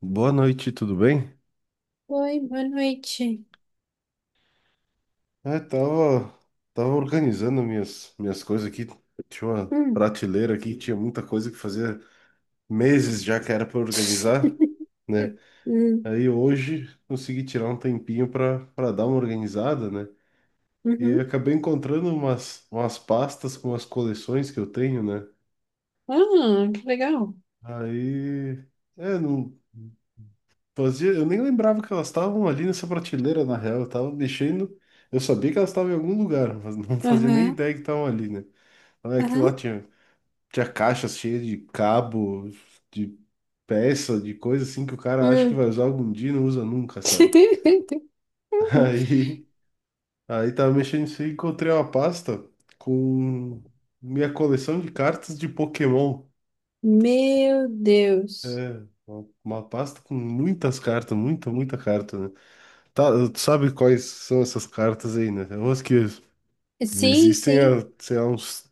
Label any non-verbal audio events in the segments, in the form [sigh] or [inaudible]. Boa noite, tudo bem? Oi, boa noite. É, tava organizando minhas coisas aqui. Tinha uma Hum. prateleira aqui, tinha muita coisa que fazia meses já que era para organizar, [laughs] né? Hum. Aí hoje consegui tirar um tempinho para dar uma organizada, né? E Uhum. acabei encontrando umas pastas com as coleções que eu tenho, né? Ah, que legal. Aí, é, não, fazia, eu nem lembrava que elas estavam ali nessa prateleira, na real. Eu tava mexendo. Eu sabia que elas estavam em algum lugar, [laughs] mas não fazia nem Aham, ideia que estavam ali, né? Mas é que lá aham. tinha, tinha caixas cheias de cabo, de peça, de coisa assim que o cara acha que Hum. vai usar algum dia e não usa nunca, sabe? [laughs] [laughs] Aí, aí, tava mexendo isso e encontrei uma pasta com minha coleção de cartas de Pokémon. Meu Deus. É, uma pasta com muitas cartas, muita, muita carta, né? Tá, tu sabe quais são essas cartas aí, né? É umas que Sim, existem sim. há, sei lá, uns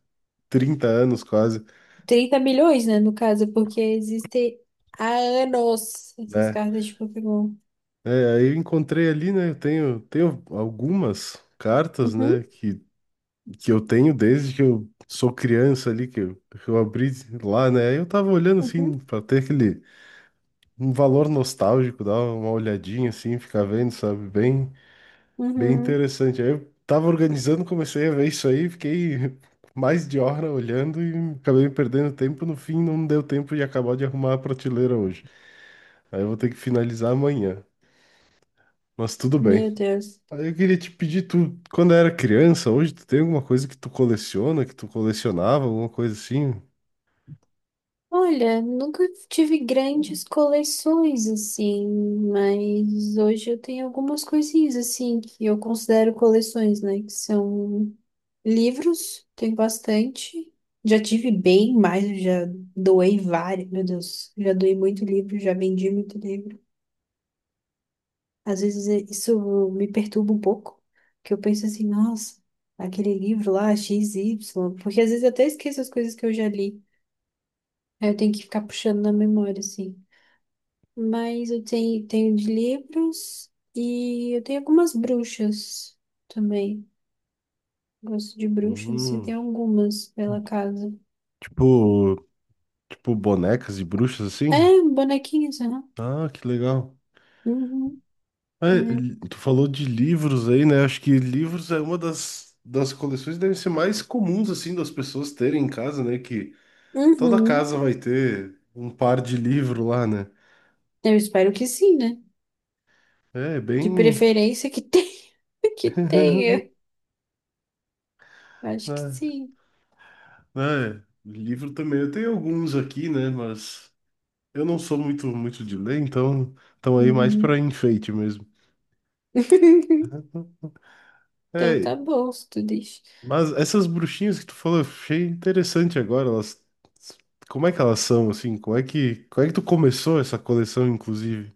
30 anos quase, 30 milhões, né, no caso, porque existem há anos essas né? cartas de Pokémon. É, aí eu encontrei ali, né? Eu tenho algumas cartas, Uhum, né? Que eu tenho desde que eu sou criança ali, que eu abri lá, né? Aí eu tava olhando uhum, assim, pra ter aquele um valor nostálgico, dar uma olhadinha assim, ficar vendo, sabe? Bem uhum. interessante. Aí eu tava organizando, comecei a ver isso aí, fiquei [laughs] mais de hora olhando e acabei perdendo tempo. No fim, não deu tempo de acabar de arrumar a prateleira hoje. Aí eu vou ter que finalizar amanhã. Mas tudo bem. Meu Deus. Aí eu queria te pedir, tu, quando era criança, hoje tu tem alguma coisa que tu coleciona, que tu colecionava, alguma coisa assim? Olha, nunca tive grandes coleções assim, mas hoje eu tenho algumas coisinhas assim que eu considero coleções, né? Que são livros, tenho bastante. Já tive bem mais, eu já doei vários, meu Deus, já doei muito livro, já vendi muito livro. Às vezes isso me perturba um pouco, que eu penso assim, nossa, aquele livro lá, X Y, porque às vezes eu até esqueço as coisas que eu já li. Aí eu tenho que ficar puxando na memória, assim. Mas eu tenho de livros e eu tenho algumas bruxas também. Gosto de bruxas, assim, Hum, tem algumas pela casa. tipo, tipo bonecas e bruxas assim? É, bonequinhas, né? Ah, que legal. Uhum, É, é. tu falou de livros aí, né? Acho que livros é uma das coleções que devem ser mais comuns, assim, das pessoas terem em casa, né? Que toda Uhum. casa vai ter um par de livro lá, né? Eu espero que sim, né? É, De bem... preferência que tenha. [laughs] Que [laughs] tenha. Acho que É, sim. é, livro também. Eu tenho alguns aqui, né? Mas eu não sou muito, muito de ler, então estão aí mais para Uhum. enfeite mesmo. [laughs] Então É, tá bom, se tu diz. mas essas bruxinhas que tu falou, eu achei interessante agora. Como é que elas são, assim? Como é que tu começou essa coleção, inclusive?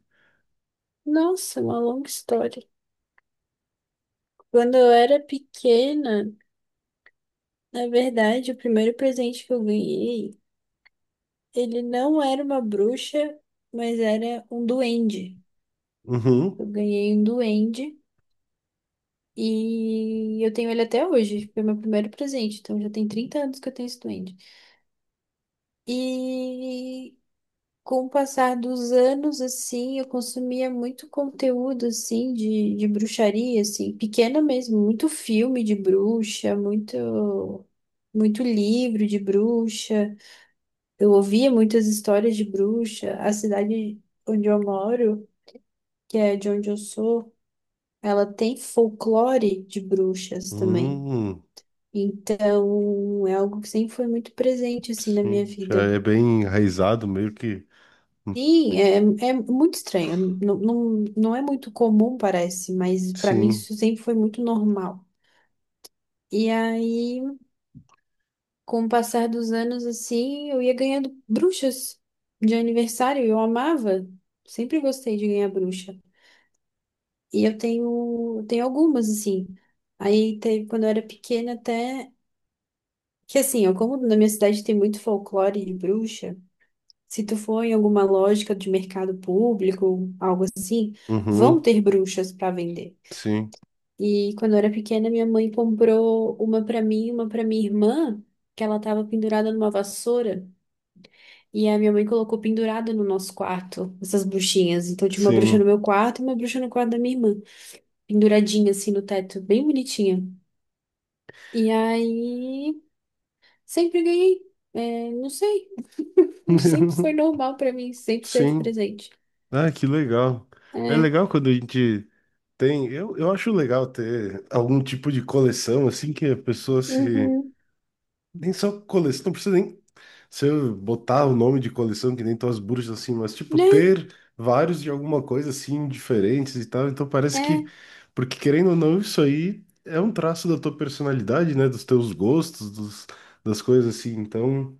Nossa, uma longa história. Quando eu era pequena, na verdade, o primeiro presente que eu ganhei, ele não era uma bruxa, mas era um duende. Uhum. Eu ganhei um duende e eu tenho ele até hoje. Foi meu primeiro presente, então já tem 30 anos que eu tenho esse duende. E com o passar dos anos, assim, eu consumia muito conteúdo, assim, de bruxaria, assim, pequena mesmo, muito filme de bruxa, muito. Muito livro de bruxa, eu ouvia muitas histórias de bruxa. A cidade onde eu moro, que é de onde eu sou, ela tem folclore de bruxas também. Hum, Então, é algo que sempre foi muito presente, assim, na minha sim. Já vida. é bem enraizado, meio que. Sim, é, é muito estranho. Não, não, não é muito comum, parece, mas para mim Sim. isso sempre foi muito normal. E aí, com o passar dos anos, assim, eu ia ganhando bruxas de aniversário. Eu amava. Sempre gostei de ganhar bruxa. E eu tenho algumas, assim. Aí, teve, quando eu era pequena, até. Que assim, ó, como na minha cidade tem muito folclore de bruxa, se tu for em alguma lógica de mercado público, algo assim, vão Uhum. ter bruxas para vender. Sim. E quando eu era pequena, minha mãe comprou uma para mim, e uma para minha irmã, que ela tava pendurada numa vassoura, e a minha mãe colocou pendurada no nosso quarto, essas bruxinhas. Então tinha uma bruxa no Sim. meu quarto e uma bruxa no quarto da minha irmã, penduradinha assim no teto, bem bonitinha. E aí, sempre ganhei. É, não sei. [laughs] Sempre foi [laughs] normal pra mim, sempre esteve Sim. presente. Ah, que legal. É É, legal quando a gente tem. Eu acho legal ter algum tipo de coleção, assim, que a pessoa se. uhum, Nem só coleção, não precisa nem se eu botar o nome de coleção, que nem tuas bruxas, assim, mas, tipo, né? ter vários de alguma coisa, assim, diferentes e tal, então parece que, É, porque querendo ou não, isso aí é um traço da tua personalidade, né, dos teus gostos, dos, das coisas, assim, então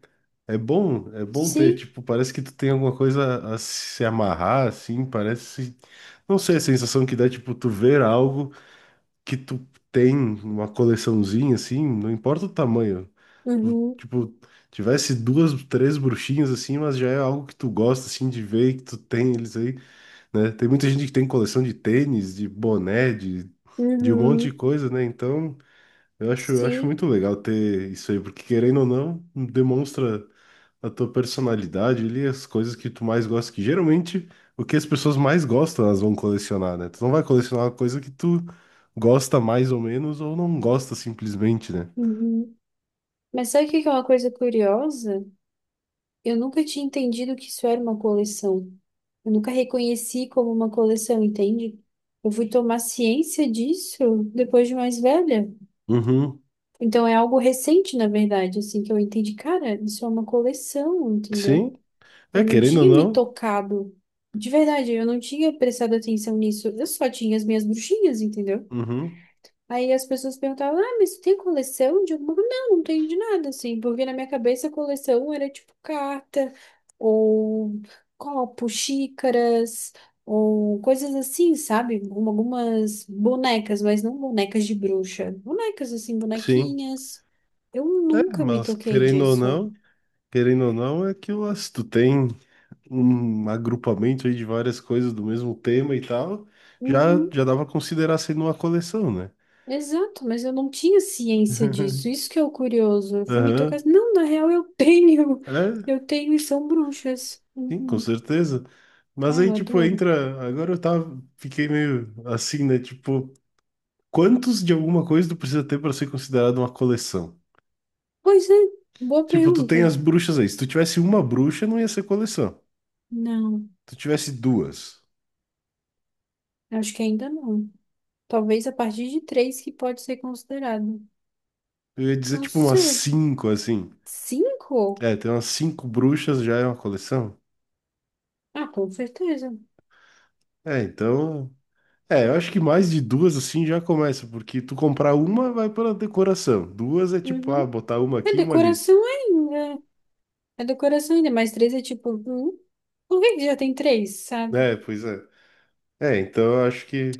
é bom ter, sim, tipo, parece que tu tem alguma coisa a se amarrar, assim, parece, não sei, a sensação que dá, tipo, tu ver algo que tu tem uma coleçãozinha assim, não importa o tamanho. Tu, uhum, tipo, tivesse duas, três bruxinhas assim, mas já é algo que tu gosta assim de ver, e que tu tem eles aí, né? Tem muita gente que tem coleção de tênis, de boné, de um monte de uhum, coisa, né? Então, eu acho sim, muito legal ter isso aí, porque querendo ou não, demonstra a tua personalidade ali, as coisas que tu mais gosta, que geralmente o que as pessoas mais gostam, elas vão colecionar, né? Tu não vai colecionar uma coisa que tu gosta mais ou menos, ou não gosta simplesmente, né? uhum. Mas sabe o que que é uma coisa curiosa? Eu nunca tinha entendido que isso era uma coleção. Eu nunca reconheci como uma coleção, entende? Eu fui tomar ciência disso depois de mais velha. Uhum. Então é algo recente, na verdade, assim, que eu entendi, cara, isso é uma coleção, entendeu? Sim. É, Eu não querendo ou tinha me não. tocado. De verdade, eu não tinha prestado atenção nisso. Eu só tinha as minhas bruxinhas, entendeu? Uhum. Aí as pessoas perguntavam: Ah, mas tu tem coleção de alguma coisa? Não, não tenho de nada, assim. Porque na minha cabeça coleção era tipo carta, ou copo, xícaras, ou coisas assim, sabe? Algumas bonecas, mas não bonecas de bruxa. Bonecas, assim, Sim. bonequinhas. Eu É, nunca me mas toquei disso. Querendo ou não, é que ó, se tu tem um agrupamento aí de várias coisas do mesmo tema e tal, já, Uhum. já dava pra considerar sendo uma coleção, né? Exato, mas eu não tinha ciência disso. [laughs] Isso que é o curioso. Eu fui me Aham. tocar. Não, na real eu [laughs] tenho. É, Eu tenho e são bruxas. sim, com Uhum. certeza. Mas Ai, aí, eu tipo, adoro. entra. Agora eu tava. Fiquei meio assim, né? Tipo, quantos de alguma coisa tu precisa ter pra ser considerado uma coleção? Pois é, boa Tipo, tu pergunta. tem as bruxas aí. Se tu tivesse uma bruxa, não ia ser coleção. Não, Tu tivesse duas, acho que ainda não. Talvez a partir de três que pode ser considerado. eu ia dizer, Não tipo, umas sei. cinco, assim. Cinco? É, tem umas cinco bruxas, já é uma coleção? Ah, com certeza. É, então. É, eu acho que mais de duas, assim, já começa, porque tu comprar uma vai pra decoração. Duas é tipo, ah, Uhum. botar uma É aqui e uma ali. decoração ainda. É decoração ainda, mas três é tipo. Hum? Por que que já tem três, sabe? É, pois é. É, então eu acho que.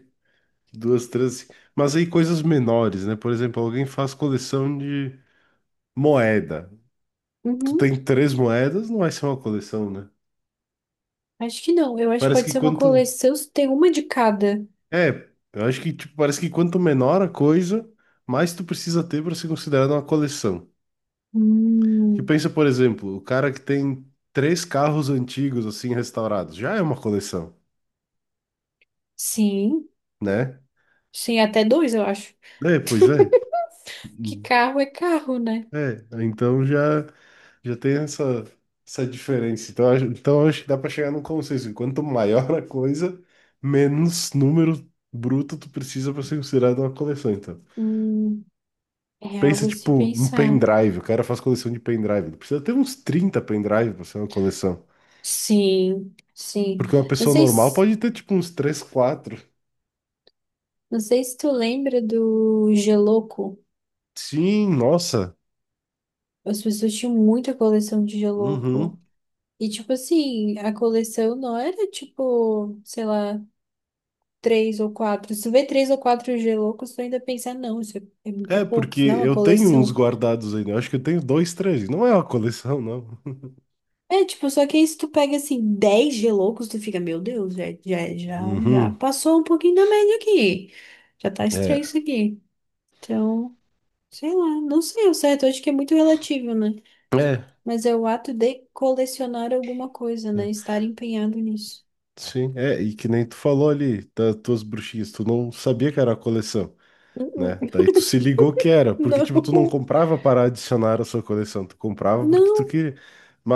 Duas tranças. Mas aí coisas menores, né? Por exemplo, alguém faz coleção de moeda. Tu Uhum. tem três moedas, não vai ser uma coleção, né? Acho que não. Eu acho que Parece pode que ser uma quanto. coleção. Tem uma de cada. É, eu acho que tipo, parece que quanto menor a coisa, mais tu precisa ter para ser considerada uma coleção. Que Hum, pensa, por exemplo, o cara que tem três carros antigos assim restaurados, já é uma coleção, sim. né? Sim, até dois, eu acho. É, pois é. [laughs] Que Uhum. carro é carro, né? É, então já. Já tem essa diferença. Então acho que dá para chegar num consenso. Quanto maior a coisa, menos número bruto tu precisa para ser considerado uma coleção. Então, Hum, É algo pensa a se tipo um pensar. pendrive. O cara faz coleção de pendrive. Ele precisa ter uns 30 pendrive para ser uma coleção. Sim, sim. Porque uma Não pessoa sei normal se, pode ter tipo uns três quatro. não sei se tu lembra do Geloco. Sim, nossa. As pessoas tinham muita coleção de Geloco. Uhum. E, tipo assim, a coleção não era, tipo, sei lá, três ou quatro. Se tu vê três ou quatro G-Loucos, tu ainda pensa, não, isso é, é, é É, pouco, porque isso não é uma eu tenho uns coleção. guardados ainda. Eu acho que eu tenho dois, três. Não é uma coleção, não. É, tipo, só que aí se tu pega, assim, 10 G-Loucos, tu fica, meu Deus, já Uhum. passou um pouquinho da média aqui. Já tá estranho É. isso aqui. Então, sei lá, não sei o certo, acho que é muito relativo, né? É. É. Mas é o ato de colecionar alguma coisa, né? Estar empenhado nisso. Sim, é, e que nem tu falou ali das tuas bruxinhas, tu não sabia que era a coleção, né? Uh-uh. Daí tu se ligou que era, [laughs] porque tipo, tu não Não, comprava para adicionar a sua coleção, tu comprava porque tu não. queria.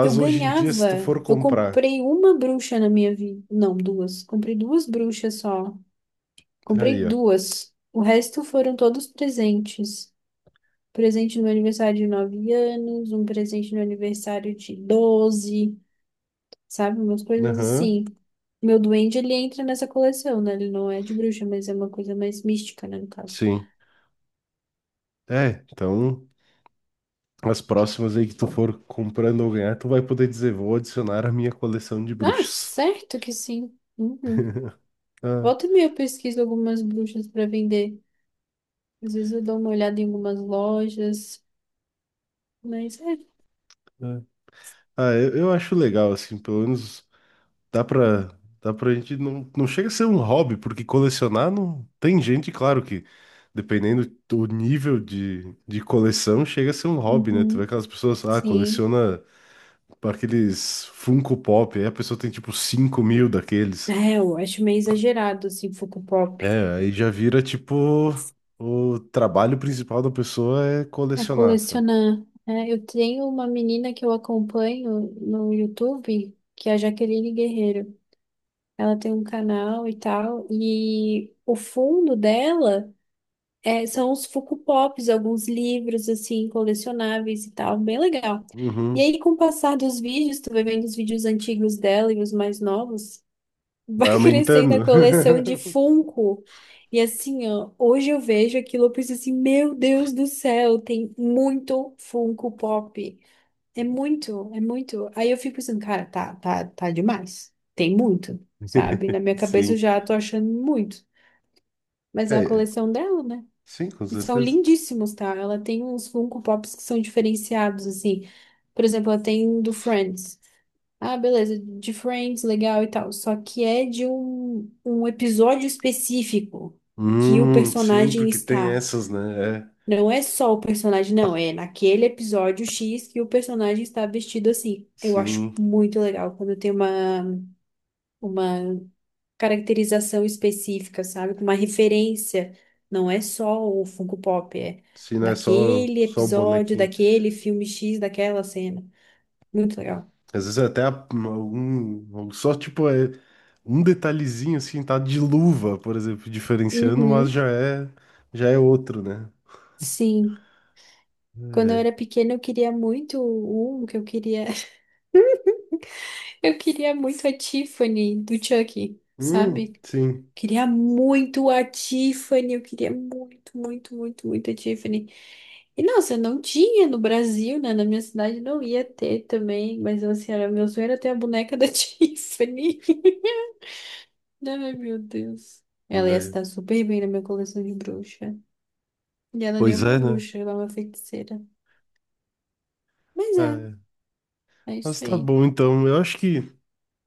Eu hoje em dia, se tu ganhava. for Eu comprar, comprei uma bruxa na minha vida. Não, duas. Comprei duas bruxas só. aí, Comprei ó. duas. O resto foram todos presentes. Presente no aniversário de 9 anos, um presente no aniversário de 12, sabe? Umas coisas Aham, assim. Meu duende, ele entra nessa coleção, né? Ele não é de bruxa, mas é uma coisa mais mística, né, no caso. sim. É, então as próximas aí que tu for comprando ou ganhar, tu vai poder dizer, vou adicionar a minha coleção de Ah, bruxas. certo que sim. Uhum. Ah, Volta e meia eu pesquiso algumas bruxas para vender. Às vezes eu dou uma olhada em algumas lojas. Mas é. ah. Ah, eu acho legal, assim, pelo menos. Dá pra, dá pra gente. Não, não chega a ser um hobby, porque colecionar não. Tem gente, claro que, dependendo do nível de coleção, chega a ser um hobby, né? Tu vê Uhum. aquelas pessoas, ah, Sim. coleciona aqueles Funko Pop, aí a pessoa tem tipo 5 mil daqueles. É, eu acho meio exagerado, assim, Funko Pop. É, aí já vira tipo. O trabalho principal da pessoa é É colecionar, sabe? colecionar. É, eu tenho uma menina que eu acompanho no YouTube, que é a Jaqueline Guerreiro. Ela tem um canal e tal, e o fundo dela é, são os Funko Pops, alguns livros, assim, colecionáveis e tal, bem legal. E Uhum. aí, com o passar dos vídeos, tu vai vendo os vídeos antigos dela e os mais novos, vai Vai [laughs] crescendo a aumentando. coleção de [laughs] Funko. E assim, ó, hoje eu vejo aquilo, eu penso assim, meu Deus do céu, tem muito Funko Pop. É muito, é muito. Aí eu fico pensando, cara, tá demais. Tem muito, sabe? Na minha cabeça eu Sim. já tô achando muito. Mas é a É, coleção dela, né? sim, com E são certeza. lindíssimos, tá? Ela tem uns Funko Pops que são diferenciados, assim. Por exemplo, ela tem um do Friends. Ah, beleza, de Friends, legal e tal. Só que é de um episódio específico que o Sim, personagem porque tem está. essas, né? É. Não é só o personagem, não, é naquele episódio X que o personagem está vestido assim. Eu acho Sim, muito legal quando tem uma caracterização específica, sabe? Com uma referência. Não é só o Funko Pop, é sim, não é só, daquele só o episódio, bonequinho. daquele filme X, daquela cena. Muito legal. Às vezes é até a- algum, só tipo é um detalhezinho assim, tá de luva, por exemplo, diferenciando, mas Uhum, já é outro, né? sim. Quando eu É. era pequena, eu queria muito um que eu queria. [laughs] Eu queria muito a Tiffany do Chucky, sabe? sim. Queria muito a Tiffany, eu queria muito, muito, muito, muito a Tiffany. E nossa, não tinha no Brasil, né? Na minha cidade não ia ter também, mas assim, era meu sonho era ter a boneca da [laughs] Tiffany. Ai, meu Deus. Ela ia É. estar super bem na minha coleção de bruxa. E ela nem é Pois uma é, né? bruxa, ela é uma feiticeira. Mas é, É. é isso Mas tá aí. bom, então. Eu acho que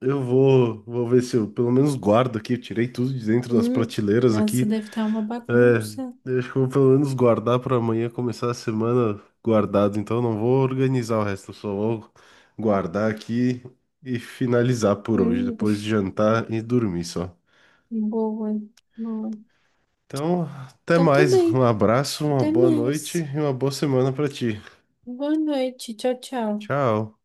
eu vou ver se eu pelo menos guardo aqui. Eu tirei tudo de dentro das Hum, prateleiras nossa, aqui. deve estar uma É, bagunça. eu acho que eu vou pelo menos guardar pra amanhã começar a semana guardado. Então eu não vou organizar o resto, eu só vou guardar aqui e finalizar por hoje, Hum, depois de jantar e dormir só. [laughs] boa, boa. Então, até Então tá mais. bem. Um abraço, uma Até boa noite mais. e uma boa semana pra ti. Boa noite. Tchau, tchau. Tchau.